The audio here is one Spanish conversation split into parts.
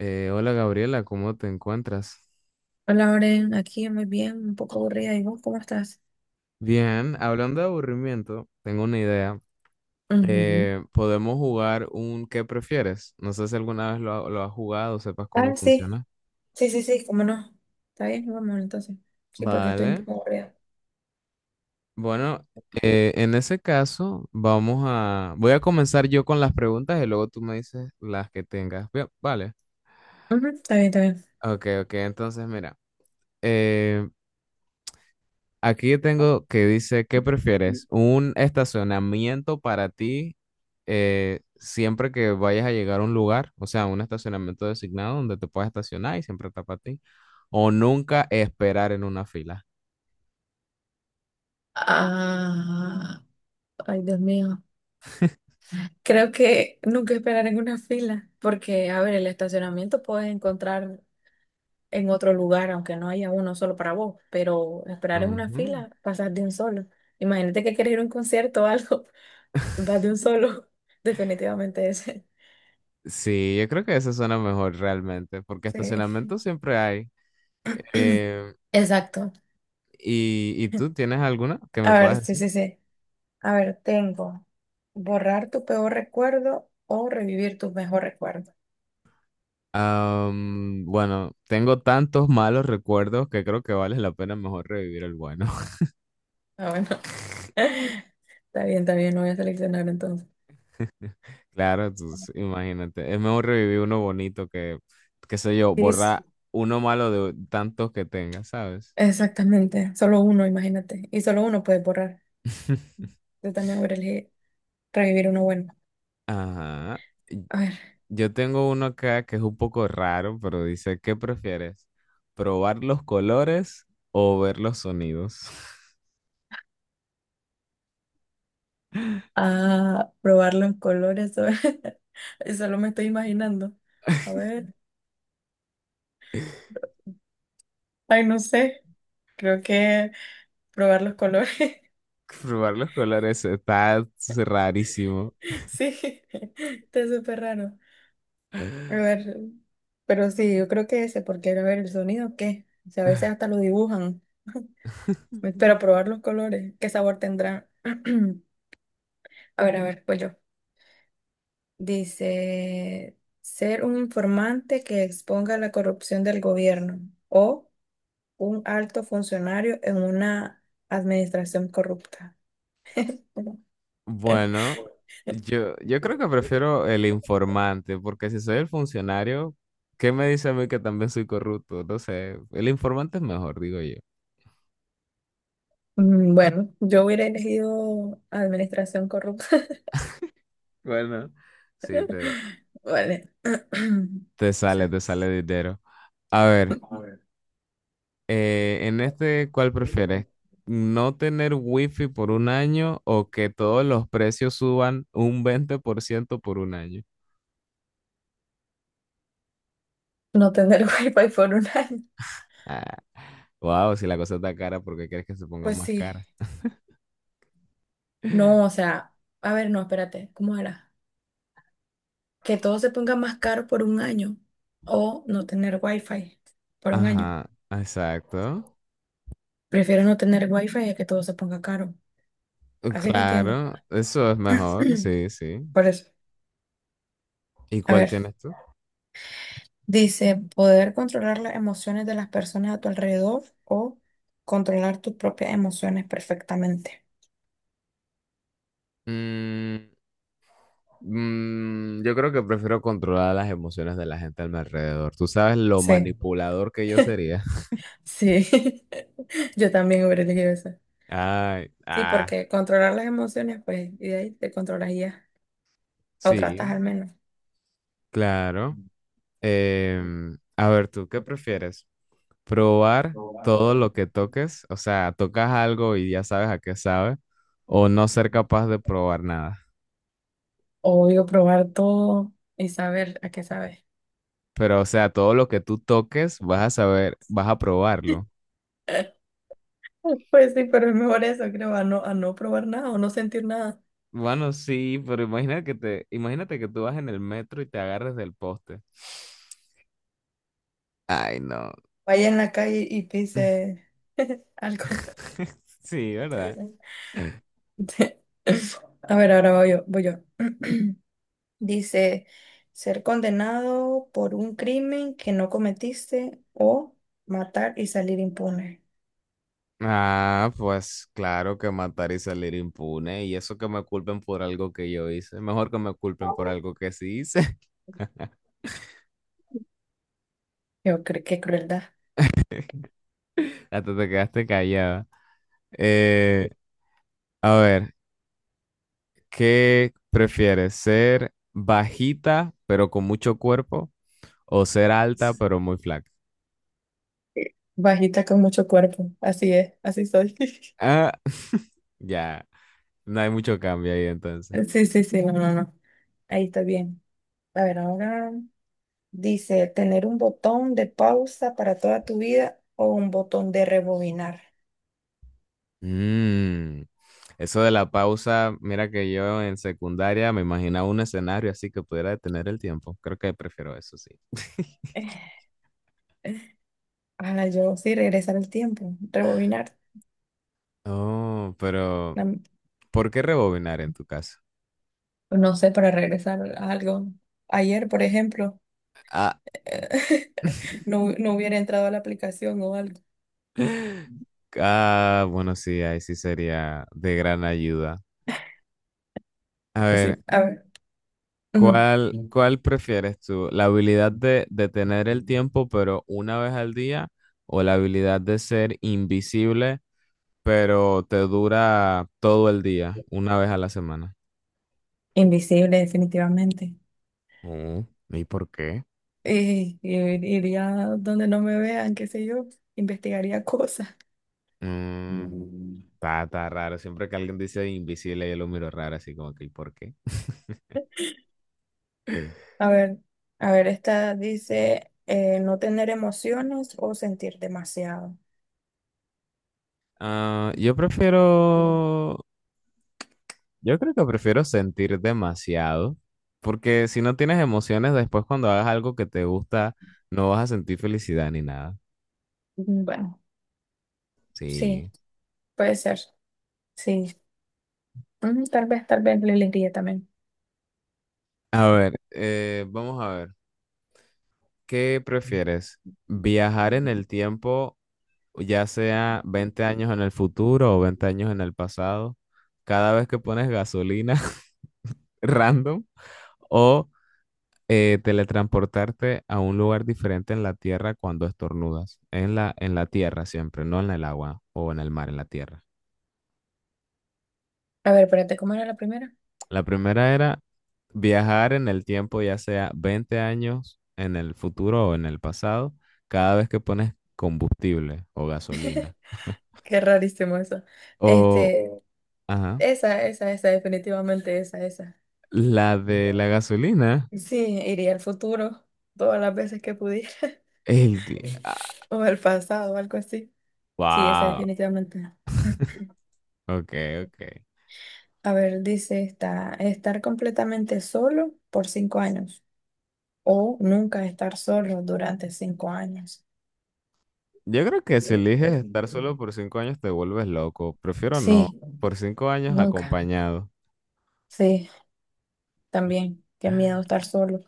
Hola Gabriela, ¿cómo te encuentras? Hola, Oren, aquí muy bien, un poco aburrida. ¿Y vos cómo estás? Bien, hablando de aburrimiento, tengo una idea. Ujú. Podemos jugar un ¿qué prefieres? No sé si alguna vez lo has jugado o sepas cómo Ah, sí, funciona. sí, sí, sí, cómo no. Está bien, vamos entonces. Sí, porque estoy un Vale. poco aburrida. Bueno, en ese caso, Voy a comenzar yo con las preguntas y luego tú me dices las que tengas. Bien, vale. Ujú, está bien, está bien. Ok, ok, entonces mira. eh, Aquí tengo que dice, ¿qué prefieres? ¿Un estacionamiento para ti, siempre que vayas a llegar a un lugar? O sea, un estacionamiento designado donde te puedas estacionar y siempre está para ti. ¿O nunca esperar en una fila? Ah, ay, Dios mío. Creo que nunca esperar en una fila, porque, a ver, el estacionamiento puedes encontrar en otro lugar, aunque no haya uno solo para vos, pero esperar en una Ujú. fila, pasas de un solo. Imagínate que quieres ir a un concierto o algo, vas de un solo, definitivamente ese. Sí, yo creo que eso suena mejor realmente, porque Sí. estacionamiento siempre hay. Eh, Exacto. ¿Y tú tienes alguna que me A ver, puedas sí, decir? sí, sí. A ver, tengo borrar tu peor recuerdo o revivir tu mejor recuerdo. Bueno, tengo tantos malos recuerdos que creo que vale la pena mejor revivir el bueno. Ah, bueno. Está bien, lo voy a seleccionar entonces. Claro, entonces, imagínate. Es mejor revivir uno bonito que, qué sé yo, Sí, borrar uno malo de tantos que tenga, ¿sabes? exactamente. Solo uno, imagínate. Y solo uno puede borrar. Yo también voy a elegir revivir uno bueno. Ajá. Y- A ver. Yo tengo uno acá que es un poco raro, pero dice, ¿qué prefieres? ¿Probar los colores o ver los sonidos? Ah, probar los colores. Solo me estoy imaginando. A ver. Ay, no sé. Creo que probar los colores. Probar los colores está rarísimo. Sí, está súper raro. A ver, pero sí, yo creo que ese, porque a ver, el sonido, ¿qué? O sea, a veces hasta lo dibujan. Pero probar los colores, ¿qué sabor tendrá? A ver, pues yo. Dice, ser un informante que exponga la corrupción del gobierno o un alto funcionario en una administración corrupta. Bueno, yo creo que prefiero el informante, porque si soy el funcionario, ¿qué me dice a mí que también soy corrupto? No sé, el informante es mejor, digo yo. Bueno, yo hubiera elegido administración corrupta. Bueno, sí, te, Vale. te O sea, sale, te sale dinero. A ver, en este, ¿cuál prefieres? ¿No tener wifi por un año o que todos los precios suban un 20% por ciento por un año? no tener wifi por un año. Ah, wow, si la cosa está cara, ¿por qué quieres que se ponga Pues más sí. cara? No, o sea, a ver, no, espérate, ¿cómo era? Que todo se ponga más caro por un año o no tener wifi por un año. Ajá, exacto. Prefiero no tener wifi a que todo se ponga caro. Así lo entiendo. Claro, eso es mejor, sí, sí. Por eso. ¿Y A cuál ver, tienes tú? dice, poder controlar las emociones de las personas a tu alrededor o controlar tus propias emociones perfectamente. Mm, yo creo que prefiero controlar las emociones de la gente a mi alrededor. Tú sabes lo Sí, manipulador que yo sería. sí. Yo también hubiera elegido eso. Ay, Sí, porque controlar las emociones, pues, y de ahí te controlarías, o tratas sí, al menos. claro. A ver, ¿tú qué prefieres? ¿Probar todo lo que toques? O sea, tocas algo y ya sabes a qué sabe, o no ser capaz de probar nada. Obvio, probar todo y saber a qué sabe. Pero, o sea, todo lo que tú toques, vas a saber, vas a probarlo. Pues sí, pero es mejor eso, creo, a no probar nada o no sentir nada. Bueno, sí, pero imagínate imagínate que tú vas en el metro y te agarres del poste. Ay, no. Vaya en la calle y pise algo. Sí, ¿verdad? A ver, ahora voy yo, voy yo. Dice, ser condenado por un crimen que no cometiste o matar y salir impune. Ah, pues claro que matar y salir impune. Y eso que me culpen por algo que yo hice. Mejor que me culpen por algo que sí hice. Yo creo que crueldad. Hasta te quedaste callada. Eh, a ver, ¿qué prefieres? ¿Ser bajita pero con mucho cuerpo? ¿O ser alta pero muy flaca? Bajita con mucho cuerpo. Así es, así soy. Ah, ya. No hay mucho cambio ahí entonces. Sí, sí, sí, no, no, no. Ahí está bien. A ver, ahora dice, tener un botón de pausa para toda tu vida o un botón de rebobinar. Mm, Eso de la pausa, mira que yo en secundaria me imaginaba un escenario así que pudiera detener el tiempo. Creo que prefiero eso, sí. Ah, yo sí, regresar el tiempo, rebobinar. Oh, pero No, ¿por qué rebobinar en tu caso? no sé, para regresar a algo. Ayer, por ejemplo, Ah, no, no hubiera entrado a la aplicación o algo. Bueno, sí, ahí sí sería de gran ayuda. A ver, Sí, a ver. Ujú. ¿¿cuál prefieres tú? ¿La habilidad de detener el tiempo, pero una vez al día? ¿O la habilidad de ser invisible, pero te dura todo el día, una vez a la semana? Invisible, definitivamente. Oh, ¿y por qué? Iría donde no me vean, qué sé yo, investigaría cosas. Mm, está raro. Siempre que alguien dice invisible, yo lo miro raro, así como que, ¿y por qué? A ver, a ver, esta dice no tener emociones o sentir demasiado. Ah, Mm. Yo creo que prefiero sentir demasiado, porque si no tienes emociones, después cuando hagas algo que te gusta, no vas a sentir felicidad ni nada. Bueno, Sí. sí, puede ser, sí. Tal vez le elegiría también. A ver, vamos a ver, ¿qué prefieres? ¿Viajar en el tiempo ya sea 20 años en el futuro o 20 años en el pasado, cada vez que pones gasolina, random, o teletransportarte a un lugar diferente en la tierra cuando estornudas? En la tierra siempre, no en el agua o en el mar, en la tierra. A ver, espérate, ¿cómo era la primera? La primera era viajar en el tiempo, ya sea 20 años en el futuro o en el pasado, cada vez que pones combustible o gasolina. Qué rarísimo eso. O, Este, ajá, esa, definitivamente esa, esa. la de la gasolina. Sí, iría al futuro todas las veces que pudiera, El día. o al pasado, o algo así. Sí, esa Wow. definitivamente. Ok, ok. A ver, dice esta, estar completamente solo por 5 años o nunca estar solo durante 5 años. Yo creo que si eliges estar solo por 5 años te vuelves loco. Prefiero no. Sí, Por cinco años nunca. acompañado. Sí, también. Qué miedo estar solo.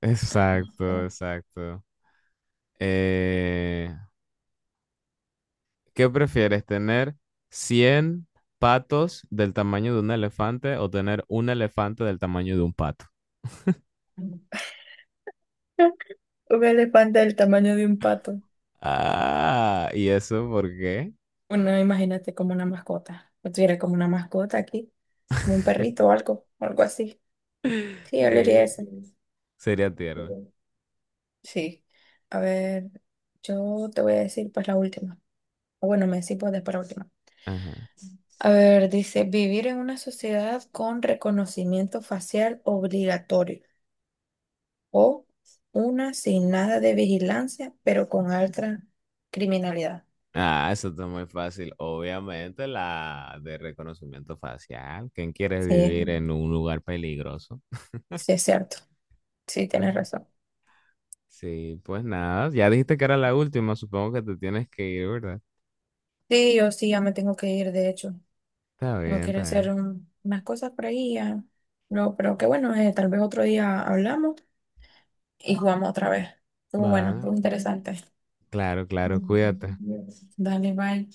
Exacto, exacto. Eh, ¿Qué prefieres, tener 100 patos del tamaño de un elefante o tener un elefante del tamaño de un pato? Un elefante del tamaño de un pato. Ah, ¿y eso por qué? Bueno, imagínate como una mascota. Yo tuviera como una mascota aquí, como un perrito o algo, algo así. Sí, yo le diría Que eso. sería tierno. Sí. A ver, yo te voy a decir pues la última. O bueno, me decís vos después la última. Ajá. A ver, dice, vivir en una sociedad con reconocimiento facial obligatorio o una sin nada de vigilancia, pero con alta criminalidad. Ah, eso está muy fácil. Obviamente la de reconocimiento facial. ¿Quién quiere vivir Sí, en un lugar peligroso? sí es cierto. Sí, tienes Pues, razón. sí, pues nada. Ya dijiste que era la última. Supongo que te tienes que ir, ¿verdad? Sí, yo sí, ya me tengo que ir, de hecho. Está Tengo bien, que ir a está hacer bien. Unas cosas por ahí ya. No, pero que bueno, tal vez otro día hablamos y jugamos otra vez. Estuvo bueno, Vale. fue interesante. Claro, claro. Cuídate. Dale, bye.